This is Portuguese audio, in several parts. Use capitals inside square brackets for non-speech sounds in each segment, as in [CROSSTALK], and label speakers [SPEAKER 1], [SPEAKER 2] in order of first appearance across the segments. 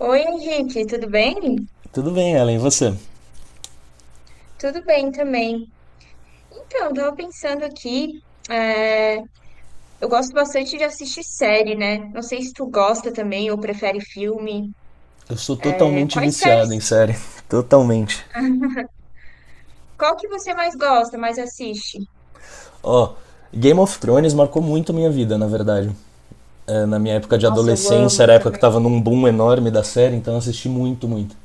[SPEAKER 1] Oi, Henrique, tudo bem?
[SPEAKER 2] Tudo bem, Ellen, e você?
[SPEAKER 1] Tudo bem também. Então, eu tava pensando aqui, é, eu gosto bastante de assistir série, né? Não sei se tu gosta também ou prefere filme.
[SPEAKER 2] Eu sou
[SPEAKER 1] É,
[SPEAKER 2] totalmente
[SPEAKER 1] quais
[SPEAKER 2] viciado em
[SPEAKER 1] séries?
[SPEAKER 2] série. [LAUGHS] Totalmente.
[SPEAKER 1] Qual que você mais gosta, mais assiste?
[SPEAKER 2] Ó, Game of Thrones marcou muito minha vida, na verdade. É, na minha época de
[SPEAKER 1] Nossa, eu
[SPEAKER 2] adolescência,
[SPEAKER 1] amo
[SPEAKER 2] era a época que
[SPEAKER 1] também.
[SPEAKER 2] tava num boom enorme da série, então eu assisti muito, muito.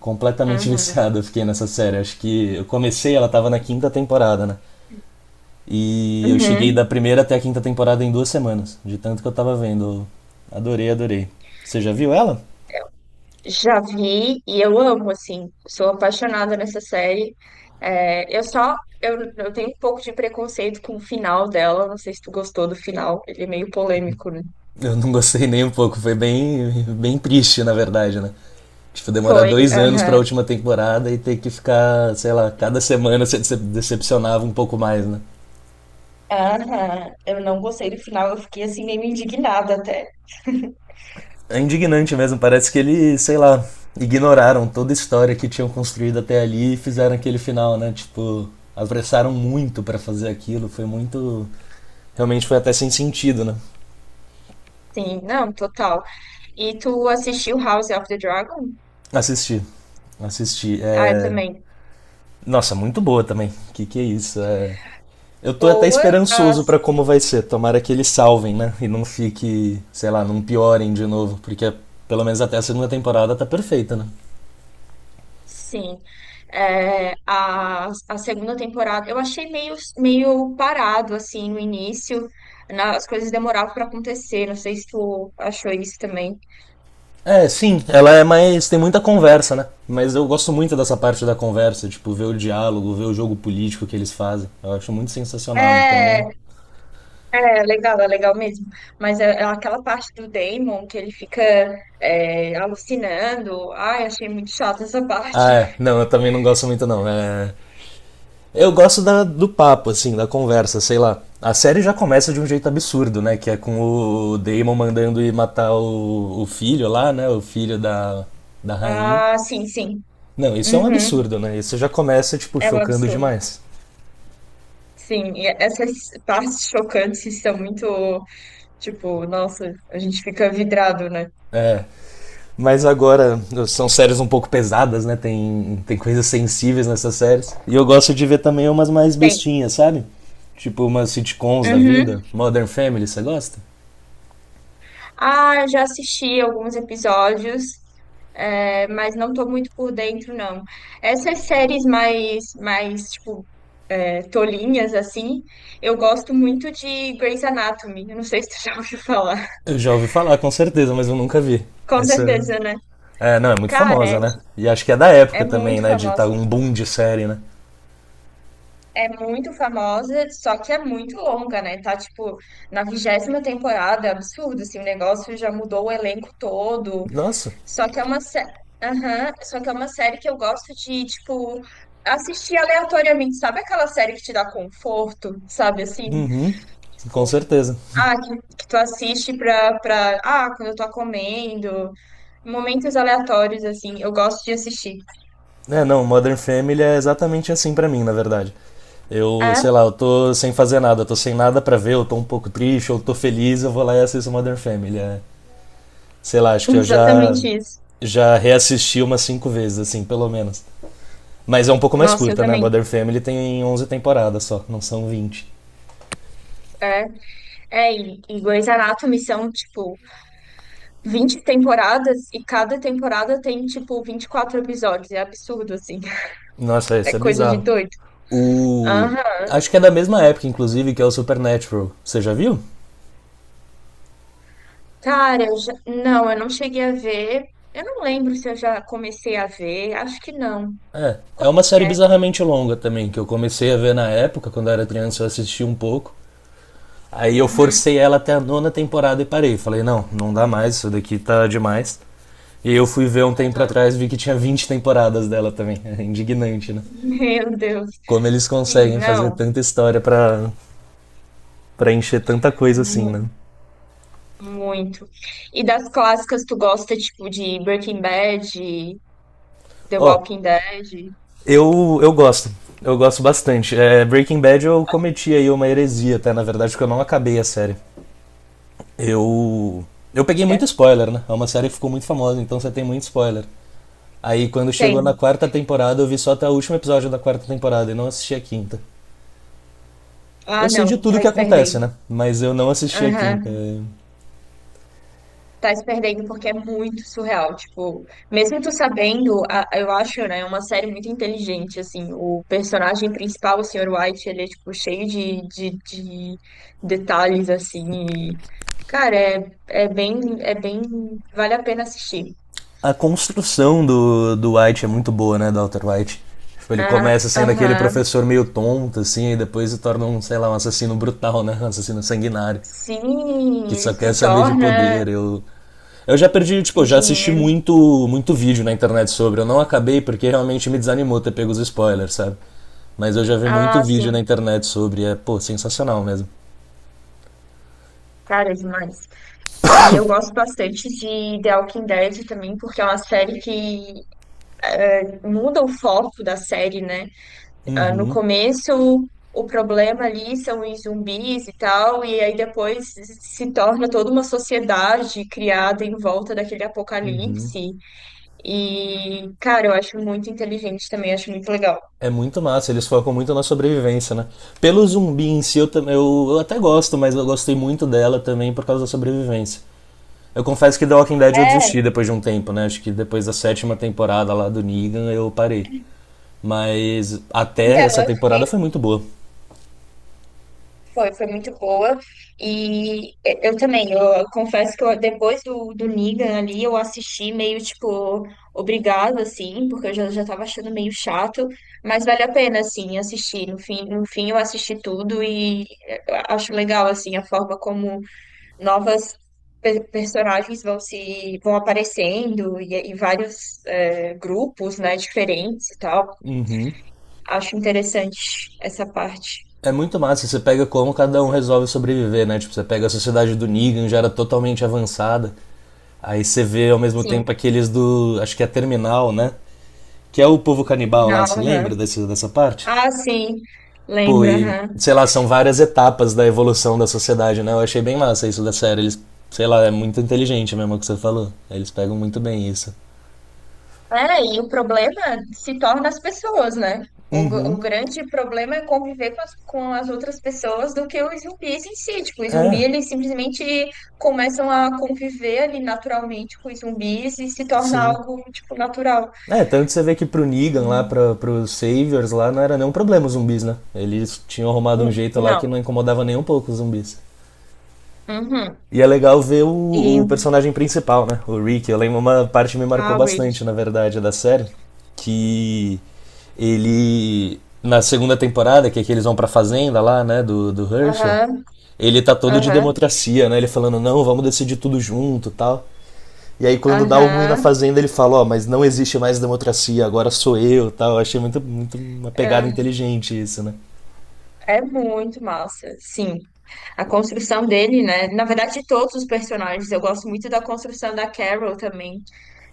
[SPEAKER 2] Completamente [LAUGHS]
[SPEAKER 1] Uhum.
[SPEAKER 2] viciado eu fiquei nessa série. Acho que eu comecei, ela tava na quinta temporada, né? E eu cheguei
[SPEAKER 1] Uhum.
[SPEAKER 2] da primeira até a quinta temporada em 2 semanas, de tanto que eu tava vendo. Eu adorei, adorei. Você já viu ela?
[SPEAKER 1] Já vi e eu amo, assim. Sou apaixonada nessa série. É, eu só, eu tenho um pouco de preconceito com o final dela. Não sei se tu gostou do final. Ele é meio polêmico, né?
[SPEAKER 2] Eu não gostei nem um pouco, foi bem, bem triste, na verdade, né? Tipo, demorar
[SPEAKER 1] Foi,
[SPEAKER 2] 2 anos pra
[SPEAKER 1] aham.
[SPEAKER 2] última temporada e ter que ficar, sei lá, cada semana se decepcionava um pouco mais, né?
[SPEAKER 1] Aham, eu não gostei do final, eu fiquei assim meio indignada até.
[SPEAKER 2] É indignante mesmo, parece que eles, sei lá, ignoraram toda a história que tinham construído até ali e fizeram aquele final, né? Tipo, apressaram muito pra fazer aquilo, foi muito. Realmente foi até sem sentido, né?
[SPEAKER 1] Sim, não, total. E tu assistiu House of the Dragon?
[SPEAKER 2] Assistir. Assisti.
[SPEAKER 1] Ah, eu também.
[SPEAKER 2] Nossa, muito boa também. Que é isso? Eu tô até
[SPEAKER 1] Boa,
[SPEAKER 2] esperançoso pra
[SPEAKER 1] as,
[SPEAKER 2] como vai ser. Tomara que eles salvem, né? E não fique, sei lá, não piorem de novo, porque pelo menos até a segunda temporada tá perfeita, né?
[SPEAKER 1] sim. É, a segunda temporada, eu achei meio parado, assim, no início. As coisas demoravam para acontecer, não sei se tu achou isso também.
[SPEAKER 2] É, sim, ela é mais, tem muita conversa, né? Mas eu gosto muito dessa parte da conversa, tipo, ver o diálogo, ver o jogo político que eles fazem. Eu acho muito sensacional, então.
[SPEAKER 1] É, é legal, é legal mesmo. Mas é aquela parte do Damon que ele fica alucinando. Ai, achei muito chata essa
[SPEAKER 2] Ah,
[SPEAKER 1] parte.
[SPEAKER 2] é.
[SPEAKER 1] [LAUGHS]
[SPEAKER 2] Não, eu também não gosto muito, não. Eu gosto do papo, assim, da conversa, sei lá. A série já começa de um jeito absurdo, né? Que é com o Damon mandando ir matar o filho lá, né? O filho da rainha.
[SPEAKER 1] Ah, sim, sim.
[SPEAKER 2] Não, isso é um
[SPEAKER 1] Uhum.
[SPEAKER 2] absurdo, né? Isso já começa, tipo,
[SPEAKER 1] É um
[SPEAKER 2] chocando
[SPEAKER 1] absurdo.
[SPEAKER 2] demais.
[SPEAKER 1] Sim, e essas partes chocantes são muito, tipo, nossa, a gente fica vidrado, né?
[SPEAKER 2] Mas agora são séries um pouco pesadas, né? Tem coisas sensíveis nessas séries. E eu gosto de ver também umas mais
[SPEAKER 1] Tem.
[SPEAKER 2] bestinhas, sabe? Tipo umas sitcoms da
[SPEAKER 1] Uhum.
[SPEAKER 2] vida. Modern Family, você gosta?
[SPEAKER 1] Ah, eu já assisti alguns episódios, mas não tô muito por dentro, não. Essas séries tipo, tolinhas assim. Eu gosto muito de Grey's Anatomy. Eu não sei se tu [LAUGHS] já ouviu falar.
[SPEAKER 2] Eu já ouvi falar, com certeza, mas eu nunca vi.
[SPEAKER 1] Com
[SPEAKER 2] Essa
[SPEAKER 1] certeza, né?
[SPEAKER 2] É, não, é muito
[SPEAKER 1] Cara,
[SPEAKER 2] famosa,
[SPEAKER 1] é,
[SPEAKER 2] né?
[SPEAKER 1] ti-
[SPEAKER 2] E acho que é da
[SPEAKER 1] é
[SPEAKER 2] época também,
[SPEAKER 1] muito
[SPEAKER 2] né? De estar
[SPEAKER 1] famosa.
[SPEAKER 2] um boom de série, né?
[SPEAKER 1] É muito famosa, só que é muito longa, né? Tá, tipo, na 20ª temporada, é absurdo, assim, o negócio já mudou o elenco todo.
[SPEAKER 2] Nossa,
[SPEAKER 1] Só que é uma série. Aham, só que é uma série que eu gosto de, tipo, assistir aleatoriamente. Sabe aquela série que te dá conforto, sabe, assim?
[SPEAKER 2] uhum, com certeza.
[SPEAKER 1] Ah, que, que tu assiste pra, pra. Ah, quando eu tô comendo. Momentos aleatórios, assim. Eu gosto de assistir.
[SPEAKER 2] É, não, Modern Family é exatamente assim pra mim, na verdade. Eu, sei
[SPEAKER 1] É,
[SPEAKER 2] lá, eu tô sem fazer nada, eu tô sem nada pra ver, eu tô um pouco triste, eu tô feliz, eu vou lá e assisto Modern Family. É, sei lá, acho
[SPEAKER 1] [LAUGHS]
[SPEAKER 2] que eu já
[SPEAKER 1] exatamente isso.
[SPEAKER 2] já reassisti umas cinco vezes, assim, pelo menos. Mas é um pouco mais
[SPEAKER 1] Nossa, eu
[SPEAKER 2] curta, né?
[SPEAKER 1] também.
[SPEAKER 2] Modern Family tem 11 temporadas só, não são 20.
[SPEAKER 1] É, é e Grey's Anatomy são, tipo, 20 temporadas e cada temporada tem, tipo, 24 episódios. É absurdo, assim. [LAUGHS]
[SPEAKER 2] Nossa,
[SPEAKER 1] É
[SPEAKER 2] isso é
[SPEAKER 1] coisa de
[SPEAKER 2] bizarro.
[SPEAKER 1] doido.
[SPEAKER 2] O.
[SPEAKER 1] Aham.
[SPEAKER 2] Acho que é da mesma época, inclusive, que é o Supernatural. Você já viu?
[SPEAKER 1] Cara, eu já... não, eu não cheguei a ver. Eu não lembro se eu já comecei a ver. Acho que não.
[SPEAKER 2] É. É
[SPEAKER 1] Como
[SPEAKER 2] uma
[SPEAKER 1] que
[SPEAKER 2] série
[SPEAKER 1] é?
[SPEAKER 2] bizarramente longa também, que eu comecei a ver na época, quando eu era criança, eu assisti um pouco. Aí eu
[SPEAKER 1] Uhum.
[SPEAKER 2] forcei ela até a nona temporada e parei. Falei, não, não dá mais, isso daqui tá demais. E eu fui ver um tempo atrás e vi que tinha 20 temporadas dela também. [LAUGHS] É indignante, né?
[SPEAKER 1] [LAUGHS] Meu Deus.
[SPEAKER 2] Como eles
[SPEAKER 1] Sim,
[SPEAKER 2] conseguem fazer
[SPEAKER 1] não.
[SPEAKER 2] tanta história pra encher tanta coisa assim, né?
[SPEAKER 1] Mu- muito. E das clássicas, tu gosta, tipo, de Breaking Bad, The
[SPEAKER 2] Ó,
[SPEAKER 1] Walking Dead?
[SPEAKER 2] eu gosto. Eu gosto bastante. É, Breaking Bad eu cometi aí uma heresia, até, na verdade, porque eu não acabei a série. Eu. Eu peguei muito
[SPEAKER 1] É.
[SPEAKER 2] spoiler, né? É uma série que ficou muito famosa, então você tem muito spoiler. Aí quando chegou na
[SPEAKER 1] Tem.
[SPEAKER 2] quarta temporada, eu vi só até o último episódio da quarta temporada e não assisti a quinta. Eu
[SPEAKER 1] Ah,
[SPEAKER 2] sei de
[SPEAKER 1] não,
[SPEAKER 2] tudo
[SPEAKER 1] tá
[SPEAKER 2] que
[SPEAKER 1] se
[SPEAKER 2] acontece,
[SPEAKER 1] perdendo.
[SPEAKER 2] né? Mas eu não assisti a quinta.
[SPEAKER 1] Aham. Tá se perdendo porque é muito surreal. Tipo, mesmo tu sabendo, eu acho, né, uma série muito inteligente, assim. O personagem principal, o Sr. White, ele é, tipo, cheio de detalhes, assim. e, cara, é bem, vale a pena assistir.
[SPEAKER 2] A construção do White é muito boa, né? Do Walter White. Tipo, ele
[SPEAKER 1] Ah,
[SPEAKER 2] começa sendo aquele
[SPEAKER 1] aham.
[SPEAKER 2] professor meio tonto, assim, e depois se torna um, sei lá, um assassino brutal, né? Um assassino sanguinário. Que
[SPEAKER 1] Sim, ele
[SPEAKER 2] só quer
[SPEAKER 1] se
[SPEAKER 2] saber de
[SPEAKER 1] torna
[SPEAKER 2] poder. Eu já perdi,
[SPEAKER 1] de
[SPEAKER 2] tipo, já assisti
[SPEAKER 1] dinheiro.
[SPEAKER 2] muito, muito vídeo na internet sobre. Eu não acabei porque realmente me desanimou ter pego os spoilers, sabe? Mas eu já vi muito
[SPEAKER 1] Ah,
[SPEAKER 2] vídeo na
[SPEAKER 1] sim,
[SPEAKER 2] internet sobre. É, pô, sensacional mesmo.
[SPEAKER 1] cara, é demais. E eu gosto bastante de The Walking Dead também, porque é uma série que muda o foco da série, né? Ah, no
[SPEAKER 2] Uhum.
[SPEAKER 1] começo, o problema ali são os zumbis e tal, e aí depois se torna toda uma sociedade criada em volta daquele apocalipse. E, cara, eu acho muito inteligente também, acho muito legal.
[SPEAKER 2] É muito massa, eles focam muito na sobrevivência, né? Pelo zumbi em si, eu até gosto, mas eu gostei muito dela também por causa da sobrevivência. Eu confesso que The Walking Dead eu
[SPEAKER 1] É,
[SPEAKER 2] desisti depois de um tempo, né? Acho que depois da sétima temporada lá do Negan eu parei. Mas
[SPEAKER 1] então,
[SPEAKER 2] até essa
[SPEAKER 1] eu fiquei
[SPEAKER 2] temporada foi muito boa.
[SPEAKER 1] foi, foi muito boa. E é, eu também, eu confesso que eu, depois do Negan ali, eu assisti meio, tipo, obrigada, assim, porque eu já tava achando meio chato, mas vale a pena, assim, assistir. No fim eu assisti tudo e é, eu acho legal, assim, a forma como novas personagens vão se, vão aparecendo e vários, grupos, né, diferentes e tal.
[SPEAKER 2] Uhum.
[SPEAKER 1] Acho interessante essa parte.
[SPEAKER 2] É muito massa, você pega como cada um resolve sobreviver, né? Tipo, você pega a sociedade do Negan, já era totalmente avançada. Aí você vê ao mesmo tempo
[SPEAKER 1] Sim,
[SPEAKER 2] aqueles do. Acho que é Terminal, né? Que é o povo
[SPEAKER 1] no
[SPEAKER 2] canibal lá,
[SPEAKER 1] final,
[SPEAKER 2] você lembra
[SPEAKER 1] aham.
[SPEAKER 2] dessa parte?
[SPEAKER 1] Ah, sim,
[SPEAKER 2] Pô,
[SPEAKER 1] lembro,
[SPEAKER 2] e
[SPEAKER 1] aham.
[SPEAKER 2] sei lá, são várias etapas da evolução da sociedade, né? Eu achei bem massa isso da série. Eles, sei lá, é muito inteligente mesmo o que você falou. Eles pegam muito bem isso.
[SPEAKER 1] É, e o problema se torna as pessoas, né? O
[SPEAKER 2] Uhum.
[SPEAKER 1] grande problema é conviver com com as outras pessoas do que os zumbis em si. Tipo, os zumbis,
[SPEAKER 2] É,
[SPEAKER 1] eles simplesmente começam a conviver ali naturalmente com os zumbis e se torna
[SPEAKER 2] sim.
[SPEAKER 1] algo, tipo, natural.
[SPEAKER 2] É, tanto você vê que pro Negan lá,
[SPEAKER 1] E,
[SPEAKER 2] pro Saviors lá, não era nenhum problema os zumbis, né? Eles tinham arrumado um jeito lá
[SPEAKER 1] não.
[SPEAKER 2] que não incomodava nem um pouco os zumbis.
[SPEAKER 1] Uhum.
[SPEAKER 2] E é legal ver o,
[SPEAKER 1] E,
[SPEAKER 2] o personagem principal, né? O Rick. Eu lembro uma parte que me marcou
[SPEAKER 1] ah, Rick.
[SPEAKER 2] bastante, na verdade, da série. Que ele. Na segunda temporada, que é que eles vão pra fazenda lá, né? Do Herschel.
[SPEAKER 1] Aham,
[SPEAKER 2] Ele tá todo de
[SPEAKER 1] aham,
[SPEAKER 2] democracia, né? Ele falando, não, vamos decidir tudo junto e tal. E aí quando dá o ruim na
[SPEAKER 1] aham,
[SPEAKER 2] fazenda, ele fala, ó, oh, mas não existe mais democracia, agora sou eu, tal. Eu achei muito, muito uma pegada
[SPEAKER 1] aham.
[SPEAKER 2] inteligente isso, né?
[SPEAKER 1] É muito massa, sim. A construção dele, né? Na verdade, de todos os personagens, eu gosto muito da construção da Carol também.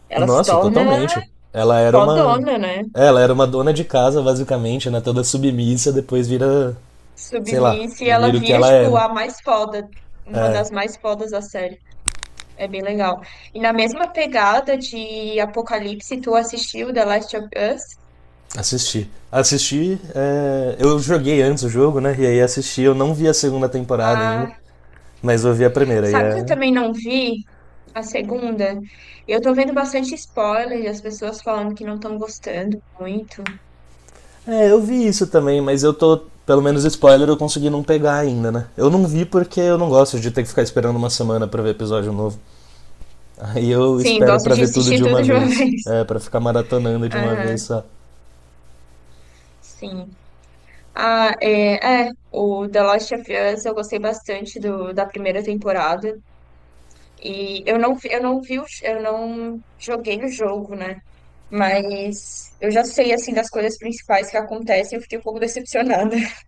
[SPEAKER 1] Ela se
[SPEAKER 2] Nossa,
[SPEAKER 1] torna
[SPEAKER 2] totalmente. Ela era uma
[SPEAKER 1] fodona, né?
[SPEAKER 2] é, ela era uma dona de casa, basicamente, né? Toda submissa, depois vira, sei lá,
[SPEAKER 1] Submissa e ela
[SPEAKER 2] vira o que
[SPEAKER 1] vira,
[SPEAKER 2] ela é,
[SPEAKER 1] tipo,
[SPEAKER 2] né?
[SPEAKER 1] a mais foda, uma das mais fodas da série. É bem legal. E na mesma pegada de Apocalipse, tu assistiu The Last of Us?
[SPEAKER 2] Assisti. Assisti, é, eu joguei antes o jogo, né? E aí assisti, eu não vi a segunda temporada ainda,
[SPEAKER 1] Ah,
[SPEAKER 2] mas eu vi a primeira, e
[SPEAKER 1] sabe que eu
[SPEAKER 2] é
[SPEAKER 1] também não vi? A segunda. Eu tô vendo bastante spoiler, as pessoas falando que não estão gostando muito.
[SPEAKER 2] É, eu vi isso também, mas eu tô. Pelo menos spoiler eu consegui não pegar ainda, né? Eu não vi porque eu não gosto de ter que ficar esperando uma semana pra ver episódio novo. [LAUGHS] Aí eu
[SPEAKER 1] Sim,
[SPEAKER 2] espero
[SPEAKER 1] gosto
[SPEAKER 2] pra
[SPEAKER 1] de
[SPEAKER 2] ver tudo
[SPEAKER 1] assistir
[SPEAKER 2] de
[SPEAKER 1] tudo
[SPEAKER 2] uma
[SPEAKER 1] de uma [LAUGHS]
[SPEAKER 2] vez.
[SPEAKER 1] vez.
[SPEAKER 2] É, pra ficar maratonando de uma vez
[SPEAKER 1] Aham,
[SPEAKER 2] só.
[SPEAKER 1] sim. O The Last of Us eu gostei bastante da primeira temporada. Eu não vi, eu não joguei o jogo, né? Mas eu já sei, assim, das coisas principais que acontecem. Eu fiquei um pouco decepcionada, [LAUGHS]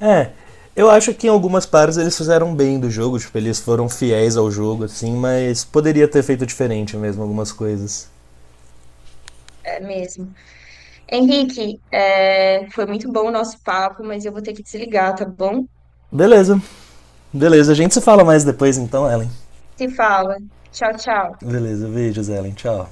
[SPEAKER 2] É, eu acho que em algumas partes eles fizeram bem do jogo, tipo, eles foram fiéis ao jogo, assim, mas poderia ter feito diferente mesmo algumas coisas.
[SPEAKER 1] é mesmo. Henrique, é, foi muito bom o nosso papo, mas eu vou ter que desligar, tá bom?
[SPEAKER 2] Beleza, beleza. A gente se fala mais depois então, Ellen.
[SPEAKER 1] Se fala. Tchau, tchau.
[SPEAKER 2] Beleza, beijos, Ellen. Tchau.